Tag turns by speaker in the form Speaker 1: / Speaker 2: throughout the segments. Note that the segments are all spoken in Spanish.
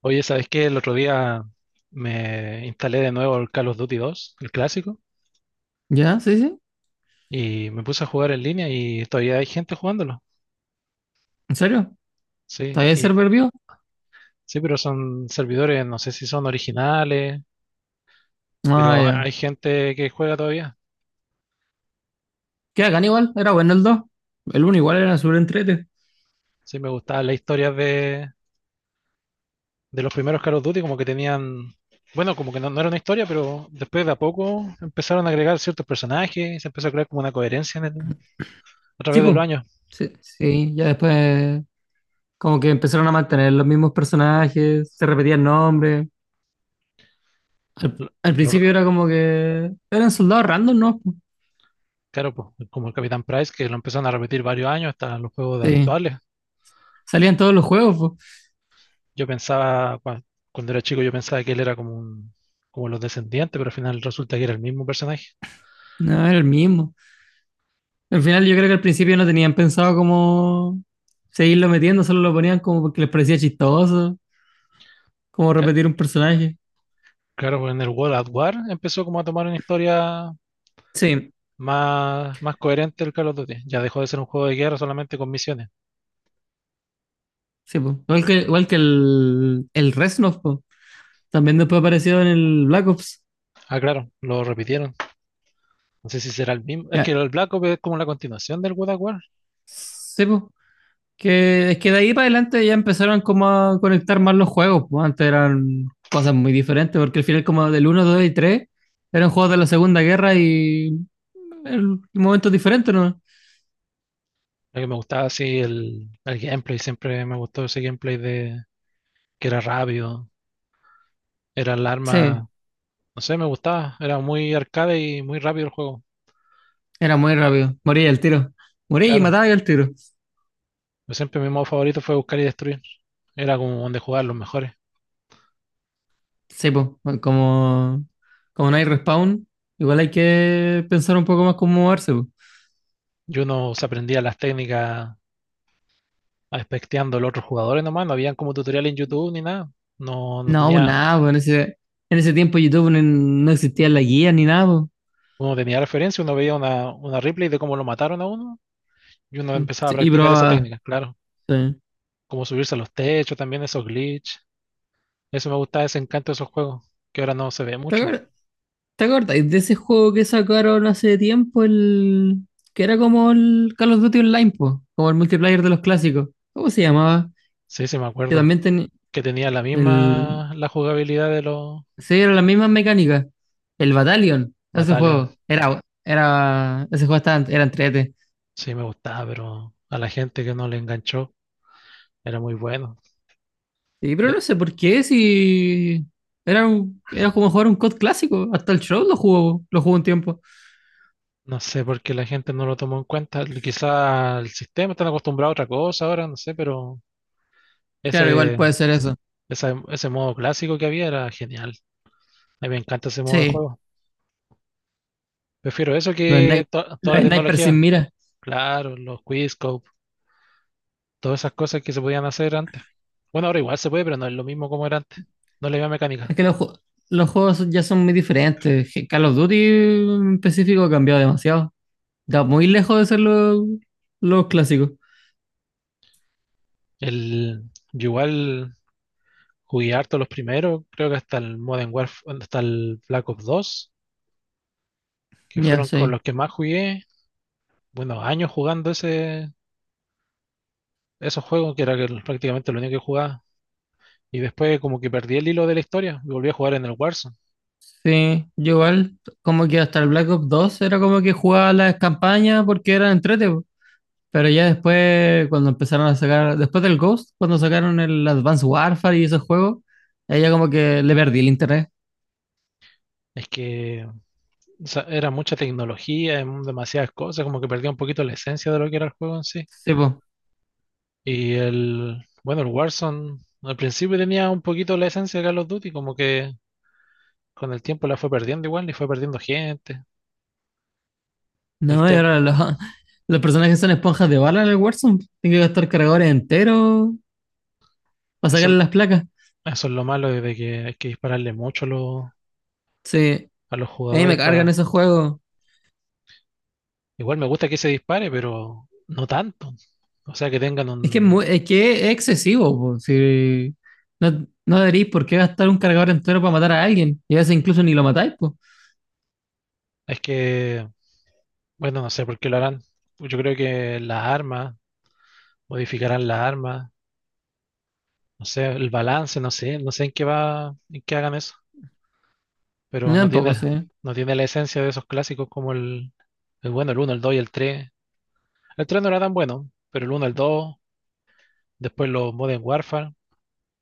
Speaker 1: Oye, ¿sabes qué? El otro día me instalé de nuevo el Call of Duty dos, el clásico,
Speaker 2: Ya, sí, sí.
Speaker 1: y me puse a jugar en línea y todavía hay gente jugándolo.
Speaker 2: ¿En serio?
Speaker 1: Sí,
Speaker 2: ¿Todavía el
Speaker 1: y,
Speaker 2: server vivo?
Speaker 1: sí, pero son servidores, no sé si son originales,
Speaker 2: Ah,
Speaker 1: pero
Speaker 2: ya.
Speaker 1: hay gente que juega todavía.
Speaker 2: Que hagan igual, era bueno el 2. El uno igual era súper entrete.
Speaker 1: Sí, me gustaba la historia de los primeros Call of Duty, como que tenían, bueno, como que no era una historia, pero después de a poco empezaron a agregar ciertos personajes y se empezó a crear como una coherencia a
Speaker 2: Sí,
Speaker 1: través de
Speaker 2: pues.
Speaker 1: los años.
Speaker 2: Sí, sí, ya después como que empezaron a mantener los mismos personajes, se repetían nombres. Al,
Speaker 1: ¿Lo,
Speaker 2: al
Speaker 1: lo
Speaker 2: principio era como que eran soldados random, ¿no? po.
Speaker 1: Claro, pues, como el Capitán Price, que lo empezaron a repetir varios años hasta los juegos de
Speaker 2: Sí,
Speaker 1: actuales.
Speaker 2: salían todos los juegos, po.
Speaker 1: Yo pensaba, cuando era chico, yo pensaba que él era como un, como los descendientes, pero al final resulta que era el mismo personaje.
Speaker 2: No, era el mismo. Al final yo creo que al principio no tenían pensado como seguirlo metiendo, solo lo ponían como porque les parecía chistoso, como
Speaker 1: Ca-
Speaker 2: repetir un personaje.
Speaker 1: Claro, pues en el World at War empezó como a tomar una historia
Speaker 2: Sí.
Speaker 1: más coherente el Call of Duty. Ya dejó de ser un juego de guerra solamente con misiones.
Speaker 2: Sí, po. Igual que el Reznov, po. También después apareció en el Black Ops.
Speaker 1: Ah, claro, lo repitieron. No sé si será el mismo. Es que
Speaker 2: Ya.
Speaker 1: el Black Ops es como la continuación del World at War.
Speaker 2: Sí, po. Que es que de ahí para adelante ya empezaron como a conectar más los juegos, po. Antes eran cosas muy diferentes, porque al final como del uno 2 y 3 eran juegos de la Segunda Guerra y en momentos diferentes, ¿no?
Speaker 1: Lo que me gustaba así el gameplay, siempre me gustó ese gameplay de que era rápido. Era el
Speaker 2: Sí,
Speaker 1: arma. No sé, me gustaba. Era muy arcade y muy rápido el juego.
Speaker 2: era muy rápido. Moría al tiro. Moría y
Speaker 1: Claro,
Speaker 2: mataba al tiro.
Speaker 1: yo siempre mi modo favorito fue buscar y destruir. Era como donde jugaban los mejores.
Speaker 2: Sí, pues. Como, como no hay respawn, igual hay que pensar un poco más cómo moverse, po.
Speaker 1: Y uno se aprendía las técnicas aspecteando a los otros jugadores nomás. No habían como tutorial en YouTube ni nada. No, no
Speaker 2: No, pues
Speaker 1: tenía,
Speaker 2: nada, pues en ese tiempo YouTube no existía la guía ni nada, pues.
Speaker 1: uno tenía referencia, uno veía una replay de cómo lo mataron a uno y uno empezaba a
Speaker 2: Sí, y
Speaker 1: practicar esa
Speaker 2: probaba.
Speaker 1: técnica, claro.
Speaker 2: Sí.
Speaker 1: Como subirse a los techos también, esos glitch. Eso me gustaba, ese encanto de esos juegos, que ahora no se ve
Speaker 2: ¿Te
Speaker 1: mucho.
Speaker 2: acuer- te acuerdas de ese juego que sacaron hace tiempo, el que era como el Call of Duty Online, ¿po? Como el multiplayer de los clásicos? ¿Cómo se llamaba?
Speaker 1: Sí, sí, me
Speaker 2: Que
Speaker 1: acuerdo.
Speaker 2: también tenía
Speaker 1: Que tenía la
Speaker 2: el.
Speaker 1: misma la jugabilidad de los
Speaker 2: Sí, era la misma mecánica. El Battalion, ese
Speaker 1: batallas.
Speaker 2: juego. Ese juego estaba, era entrete.
Speaker 1: Sí, me gustaba, pero a la gente que no le enganchó era muy bueno.
Speaker 2: Sí, pero no
Speaker 1: De-
Speaker 2: sé por qué, si era como jugar un COD clásico, hasta el show lo jugó un tiempo.
Speaker 1: no sé por qué la gente no lo tomó en cuenta. Quizá el sistema está acostumbrado a otra cosa ahora, no sé, pero
Speaker 2: Claro, igual
Speaker 1: ese,
Speaker 2: puede ser eso.
Speaker 1: ese modo clásico que había era genial. A mí me encanta ese modo de
Speaker 2: Sí,
Speaker 1: juego. Prefiero eso
Speaker 2: los snipers,
Speaker 1: que toda
Speaker 2: los
Speaker 1: la
Speaker 2: snipers sin
Speaker 1: tecnología.
Speaker 2: mira.
Speaker 1: Claro, los Quizscope, todas esas cosas que se podían hacer antes. Bueno, ahora igual se puede, pero no es lo mismo como era antes. No es la misma
Speaker 2: Es
Speaker 1: mecánica.
Speaker 2: que los juegos ya son muy diferentes. Call of Duty en específico ha cambiado demasiado. Está muy lejos de ser los clásicos.
Speaker 1: El, yo igual. Jugué harto los primeros, creo que hasta el Modern Warfare, hasta el Black Ops 2, que
Speaker 2: Ya,
Speaker 1: fueron con los
Speaker 2: sí.
Speaker 1: que más jugué, bueno, años jugando esos juegos, que era que prácticamente lo único que jugaba. Y después como que perdí el hilo de la historia y volví a jugar en el Warzone.
Speaker 2: Sí, yo igual, como que hasta el Black Ops 2 era como que jugaba las campañas porque eran entrete. Pero ya después, cuando empezaron a sacar, después del Ghost, cuando sacaron el Advanced Warfare y esos juegos, ahí ya como que le perdí el interés.
Speaker 1: Es que o sea, era mucha tecnología, demasiadas cosas, como que perdía un poquito la esencia de lo que era el juego en sí.
Speaker 2: Sí, pues.
Speaker 1: Y el, bueno, el Warzone al principio tenía un poquito la esencia de Call of Duty, como que con el tiempo la fue perdiendo igual y fue perdiendo gente. El
Speaker 2: No, y
Speaker 1: tema,
Speaker 2: ahora los, los personajes son esponjas de bala en el Warzone. Tengo que gastar cargadores enteros para
Speaker 1: eso.
Speaker 2: sacarle las placas.
Speaker 1: Eso es lo malo, de que hay que dispararle mucho a los,
Speaker 2: Sí,
Speaker 1: a los
Speaker 2: a mí me
Speaker 1: jugadores
Speaker 2: cargan
Speaker 1: para...
Speaker 2: esos juegos.
Speaker 1: Igual me gusta que se dispare, pero no tanto. O sea, que tengan un...
Speaker 2: Es que es excesivo, po. Si no deberíais por qué gastar un cargador entero para matar a alguien. Y a veces incluso ni lo matáis, pues.
Speaker 1: Es que, bueno, no sé por qué lo harán. Pues yo creo que las armas, modificarán las armas, no sé, el balance, no sé en qué va, en qué hagan eso.
Speaker 2: No,
Speaker 1: Pero no tiene,
Speaker 2: tampoco sé.
Speaker 1: no tiene la esencia de esos clásicos como el bueno, el uno, el 2 y el tres. El 3 no era tan bueno, pero el uno, el dos, después los Modern Warfare,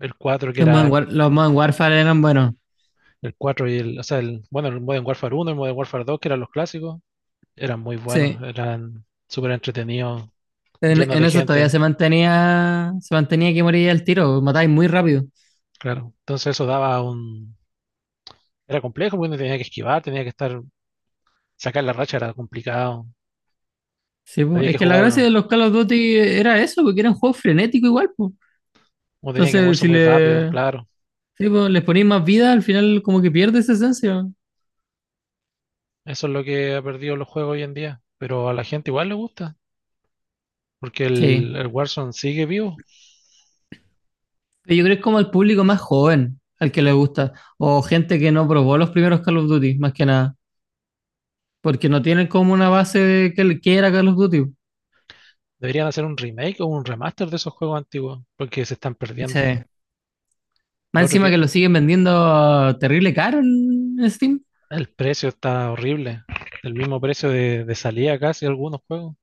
Speaker 1: el 4 que
Speaker 2: Los Modern,
Speaker 1: era.
Speaker 2: War- los Modern Warfare eran buenos.
Speaker 1: El 4 y el, o sea, el, bueno, el Modern Warfare uno, el Modern Warfare dos, que eran los clásicos, eran muy buenos,
Speaker 2: Sí.
Speaker 1: eran súper entretenidos,
Speaker 2: En,
Speaker 1: llenos
Speaker 2: en
Speaker 1: de
Speaker 2: eso todavía
Speaker 1: gente,
Speaker 2: se mantenía que moría el tiro, pues, matáis muy rápido.
Speaker 1: claro. Entonces eso daba un... Era complejo, porque uno tenía que esquivar, tenía que estar... Sacar la racha era complicado,
Speaker 2: Sí, po.
Speaker 1: había que
Speaker 2: Es que la gracia
Speaker 1: jugar,
Speaker 2: de los Call of Duty era eso, porque eran juegos frenéticos igual, po.
Speaker 1: uno tenía que
Speaker 2: Entonces,
Speaker 1: moverse
Speaker 2: si
Speaker 1: muy rápido,
Speaker 2: le,
Speaker 1: claro.
Speaker 2: sí, po, les ponéis más vida, al final como que pierde esa esencia.
Speaker 1: Eso es lo que ha perdido los juegos hoy en día, pero a la gente igual le gusta, porque
Speaker 2: Sí.
Speaker 1: el Warzone sigue vivo.
Speaker 2: Pero yo creo que es como el público más joven al que le gusta, o gente que no probó los primeros Call of Duty, más que nada, porque no tienen como una base de que era Call of Duty.
Speaker 1: Deberían hacer un remake o un remaster de esos juegos antiguos, porque se están
Speaker 2: Sí.
Speaker 1: perdiendo.
Speaker 2: Más
Speaker 1: Lo otro
Speaker 2: encima que
Speaker 1: que...
Speaker 2: lo siguen vendiendo terrible caro en Steam.
Speaker 1: El precio está horrible. El mismo precio de salida casi algunos juegos.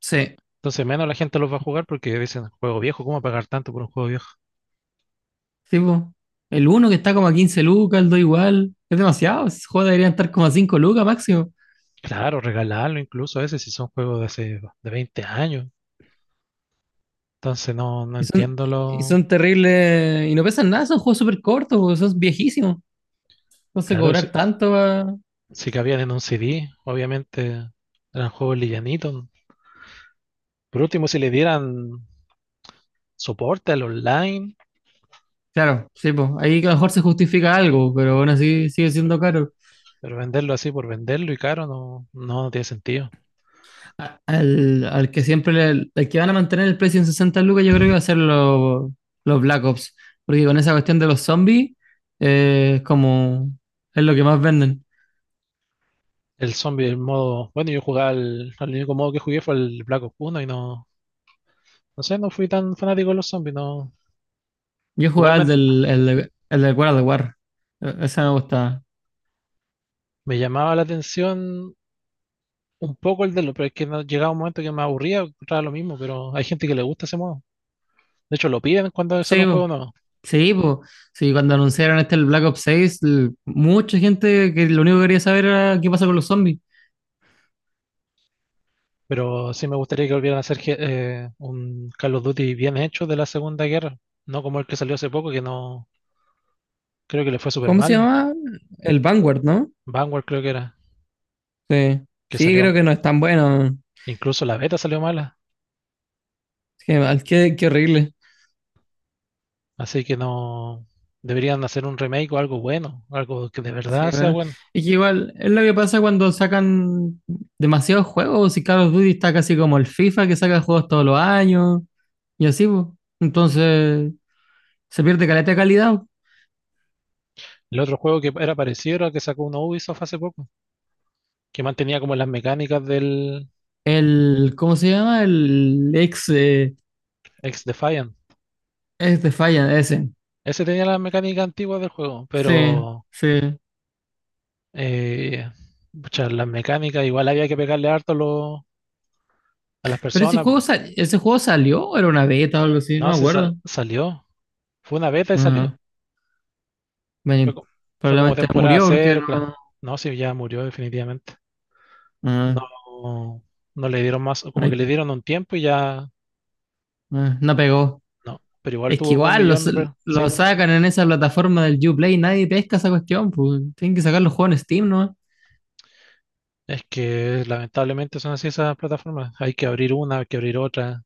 Speaker 2: Sí.
Speaker 1: Entonces menos la gente los va a jugar porque dicen, juego viejo, ¿cómo pagar tanto por un juego viejo?
Speaker 2: Sí, po. El uno que está como a 15 lucas, el 2 igual. Es demasiado. Esos juegos deberían estar como a 5 lucas máximo.
Speaker 1: Claro, regalarlo incluso a veces si son juegos de hace de 20 años. Entonces no, no
Speaker 2: Y son,
Speaker 1: entiendo
Speaker 2: y
Speaker 1: lo...
Speaker 2: son terribles. Y no pesan nada, son juegos súper cortos, po, son viejísimos. Entonces
Speaker 1: Claro,
Speaker 2: cobrar
Speaker 1: si,
Speaker 2: tanto pa.
Speaker 1: si cabían en un CD, obviamente eran juegos livianitos. Por último, si le dieran soporte al online,
Speaker 2: Claro, sí, pues. Ahí que a lo mejor se justifica algo, pero aún así sigue siendo caro.
Speaker 1: pero venderlo así por venderlo y caro no, no tiene sentido.
Speaker 2: Al que siempre al que van a mantener el precio en 60 lucas, yo creo que va a ser los Black Ops. Porque con esa cuestión de los zombies, es como. Es lo que más venden.
Speaker 1: El zombie, el modo. Bueno, yo jugaba al. El único modo que jugué fue el Black Ops 1 y no. No sé, no fui tan fanático de los zombies, no.
Speaker 2: Yo
Speaker 1: Igual
Speaker 2: jugaba
Speaker 1: me,
Speaker 2: el del World of War. Ese me gustaba.
Speaker 1: me llamaba la atención un poco el de los, pero es que no, llegaba un momento que me aburría, encontraba lo mismo, pero hay gente que le gusta ese modo. De hecho, lo piden cuando sale
Speaker 2: Sí,
Speaker 1: un
Speaker 2: po.
Speaker 1: juego nuevo.
Speaker 2: Sí, po. Sí, cuando anunciaron el Black Ops seis mucha gente que lo único que quería saber era qué pasa con los zombies.
Speaker 1: Pero sí me gustaría que volvieran a hacer un Call of Duty bien hecho de la Segunda Guerra, no como el que salió hace poco, que no. Creo que le fue súper
Speaker 2: ¿Cómo se
Speaker 1: mal.
Speaker 2: llama? El Vanguard, ¿no?
Speaker 1: Vanguard creo que era,
Speaker 2: Sí.
Speaker 1: que
Speaker 2: Sí,
Speaker 1: salió.
Speaker 2: creo que no es tan bueno.
Speaker 1: Incluso la beta salió mala.
Speaker 2: Qué mal, qué horrible.
Speaker 1: Así que no deberían hacer un remake o algo bueno, algo que de
Speaker 2: Sí,
Speaker 1: verdad sea
Speaker 2: bueno.
Speaker 1: bueno.
Speaker 2: Es que igual, es lo que pasa cuando sacan demasiados juegos. Y Call of Duty está casi como el FIFA que saca juegos todos los años. Y así, pues. Entonces, se pierde caleta de calidad.
Speaker 1: El otro juego que era parecido era el que sacó uno Ubisoft hace poco, que mantenía como las mecánicas del
Speaker 2: El, ¿cómo se llama? El ex, eh,
Speaker 1: Ex Defiant.
Speaker 2: ex Defiant, ese.
Speaker 1: Ese tenía las mecánicas antiguas del juego,
Speaker 2: Sí,
Speaker 1: pero
Speaker 2: sí.
Speaker 1: eh, pucha, las mecánicas igual había que pegarle harto a las
Speaker 2: Pero ese
Speaker 1: personas.
Speaker 2: juego, sal- ese juego salió, o era una beta o algo así, no
Speaker 1: No,
Speaker 2: me acuerdo.
Speaker 1: salió. Fue una beta y
Speaker 2: Ajá.
Speaker 1: salió. Fue,
Speaker 2: Bueno,
Speaker 1: co- fue como
Speaker 2: probablemente
Speaker 1: temporada
Speaker 2: murió porque
Speaker 1: cero, claro.
Speaker 2: no.
Speaker 1: No, sí, ya murió definitivamente.
Speaker 2: Ajá.
Speaker 1: No, no le dieron más, como que
Speaker 2: Ay,
Speaker 1: le dieron un tiempo y ya.
Speaker 2: no pegó.
Speaker 1: No, pero igual
Speaker 2: Es que
Speaker 1: tuvo como un
Speaker 2: igual
Speaker 1: millón
Speaker 2: los-
Speaker 1: de... Sí,
Speaker 2: lo
Speaker 1: pues.
Speaker 2: sacan en esa plataforma del Uplay, nadie pesca esa cuestión, pues tienen que sacar los juegos en Steam, ¿no?
Speaker 1: Es que lamentablemente son así esas plataformas. Hay que abrir una, hay que abrir otra.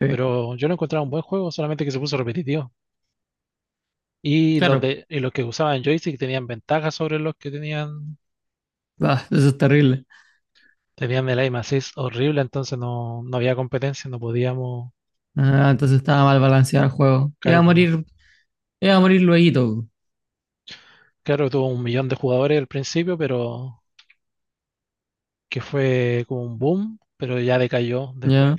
Speaker 2: Sí.
Speaker 1: Pero yo lo encontraba un buen juego, solamente que se puso repetitivo. Y los
Speaker 2: Claro,
Speaker 1: de, y los que usaban joystick tenían ventajas sobre los que tenían,
Speaker 2: ah, eso es terrible.
Speaker 1: tenían el aim assist horrible, entonces no, no había competencia, no podíamos.
Speaker 2: Ah, entonces estaba mal balanceado el juego.
Speaker 1: Claro, por lo-
Speaker 2: Iba a morir luego,
Speaker 1: claro, tuvo un millón de jugadores al principio, pero que fue como un boom, pero ya decayó después.
Speaker 2: ¿ya?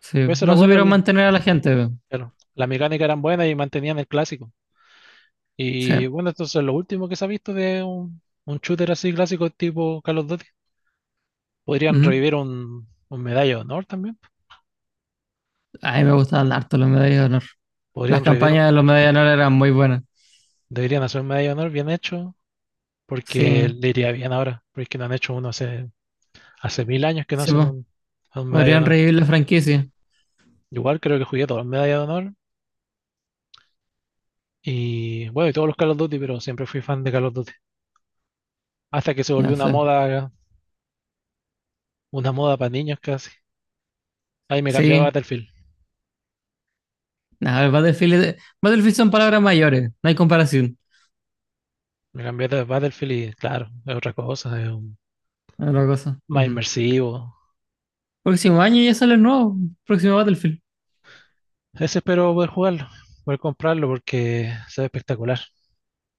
Speaker 2: Sí,
Speaker 1: Pues eso era
Speaker 2: no
Speaker 1: bueno,
Speaker 2: supieron mantener a la gente, po.
Speaker 1: claro, las mecánicas eran buenas y mantenían el clásico.
Speaker 2: Sí.
Speaker 1: Y bueno, entonces lo último que se ha visto de un shooter así clásico tipo Call of Duty. Podrían
Speaker 2: Ujú.
Speaker 1: revivir un Medalla de Honor también.
Speaker 2: A mí me gustaban harto los medallas de honor. Las
Speaker 1: Podrían revivir,
Speaker 2: campañas de los medallas de honor eran muy buenas.
Speaker 1: deberían hacer un Medalla de Honor bien hecho, porque
Speaker 2: Sí,
Speaker 1: le iría bien ahora, porque no han hecho uno hace, mil años que no
Speaker 2: sí,
Speaker 1: hacen
Speaker 2: po.
Speaker 1: un Medalla de
Speaker 2: Podrían
Speaker 1: Honor.
Speaker 2: revivir la franquicia.
Speaker 1: Igual creo que jugué todos los Medalla de Honor y bueno, y todos los Call of Duty, pero siempre fui fan de Call of Duty. Hasta que se volvió
Speaker 2: Ya sé.
Speaker 1: una moda para niños casi. Ahí me cambié a
Speaker 2: Sí.
Speaker 1: Battlefield.
Speaker 2: Nada, el Battlefield, Battlefield son palabras mayores. No hay comparación.
Speaker 1: Me cambié de Battlefield y claro, es otra cosa, es
Speaker 2: Otra cosa.
Speaker 1: más
Speaker 2: Ujú.
Speaker 1: inmersivo.
Speaker 2: Próximo año ya sale el nuevo. Próximo Battlefield.
Speaker 1: Ese espero poder jugarlo, poder comprarlo porque se ve espectacular.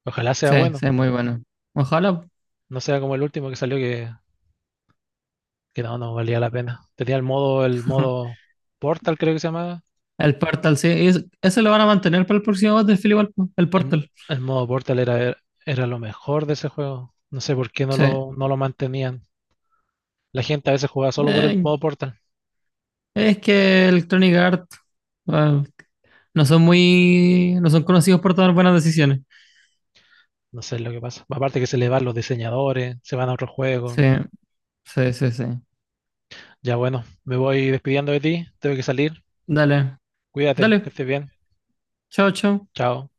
Speaker 1: Ojalá sea
Speaker 2: Sí,
Speaker 1: bueno,
Speaker 2: sí, muy bueno. Ojalá.
Speaker 1: no sea como el último que salió que, no, no valía la pena. Tenía el modo, el modo Portal creo que se llamaba.
Speaker 2: El Portal, sí. Eso lo van a mantener para el próximo Battlefield igual, po. El
Speaker 1: El,
Speaker 2: Portal.
Speaker 1: el modo Portal era lo mejor de ese juego. No sé por qué no
Speaker 2: Sí.
Speaker 1: lo, no lo mantenían. La gente a veces jugaba solo por el
Speaker 2: Eh,
Speaker 1: modo Portal.
Speaker 2: es que Electronic Arts. Bueno, no son muy. No son conocidos por tomar buenas decisiones.
Speaker 1: No sé lo que pasa. Aparte que se le van los diseñadores, se van a otro
Speaker 2: Sí,
Speaker 1: juego.
Speaker 2: sí, sí, sí.
Speaker 1: Ya bueno, me voy despidiendo de ti, tengo que salir.
Speaker 2: Dale,
Speaker 1: Cuídate, que
Speaker 2: dale.
Speaker 1: estés bien.
Speaker 2: Chao, chao.
Speaker 1: Chao.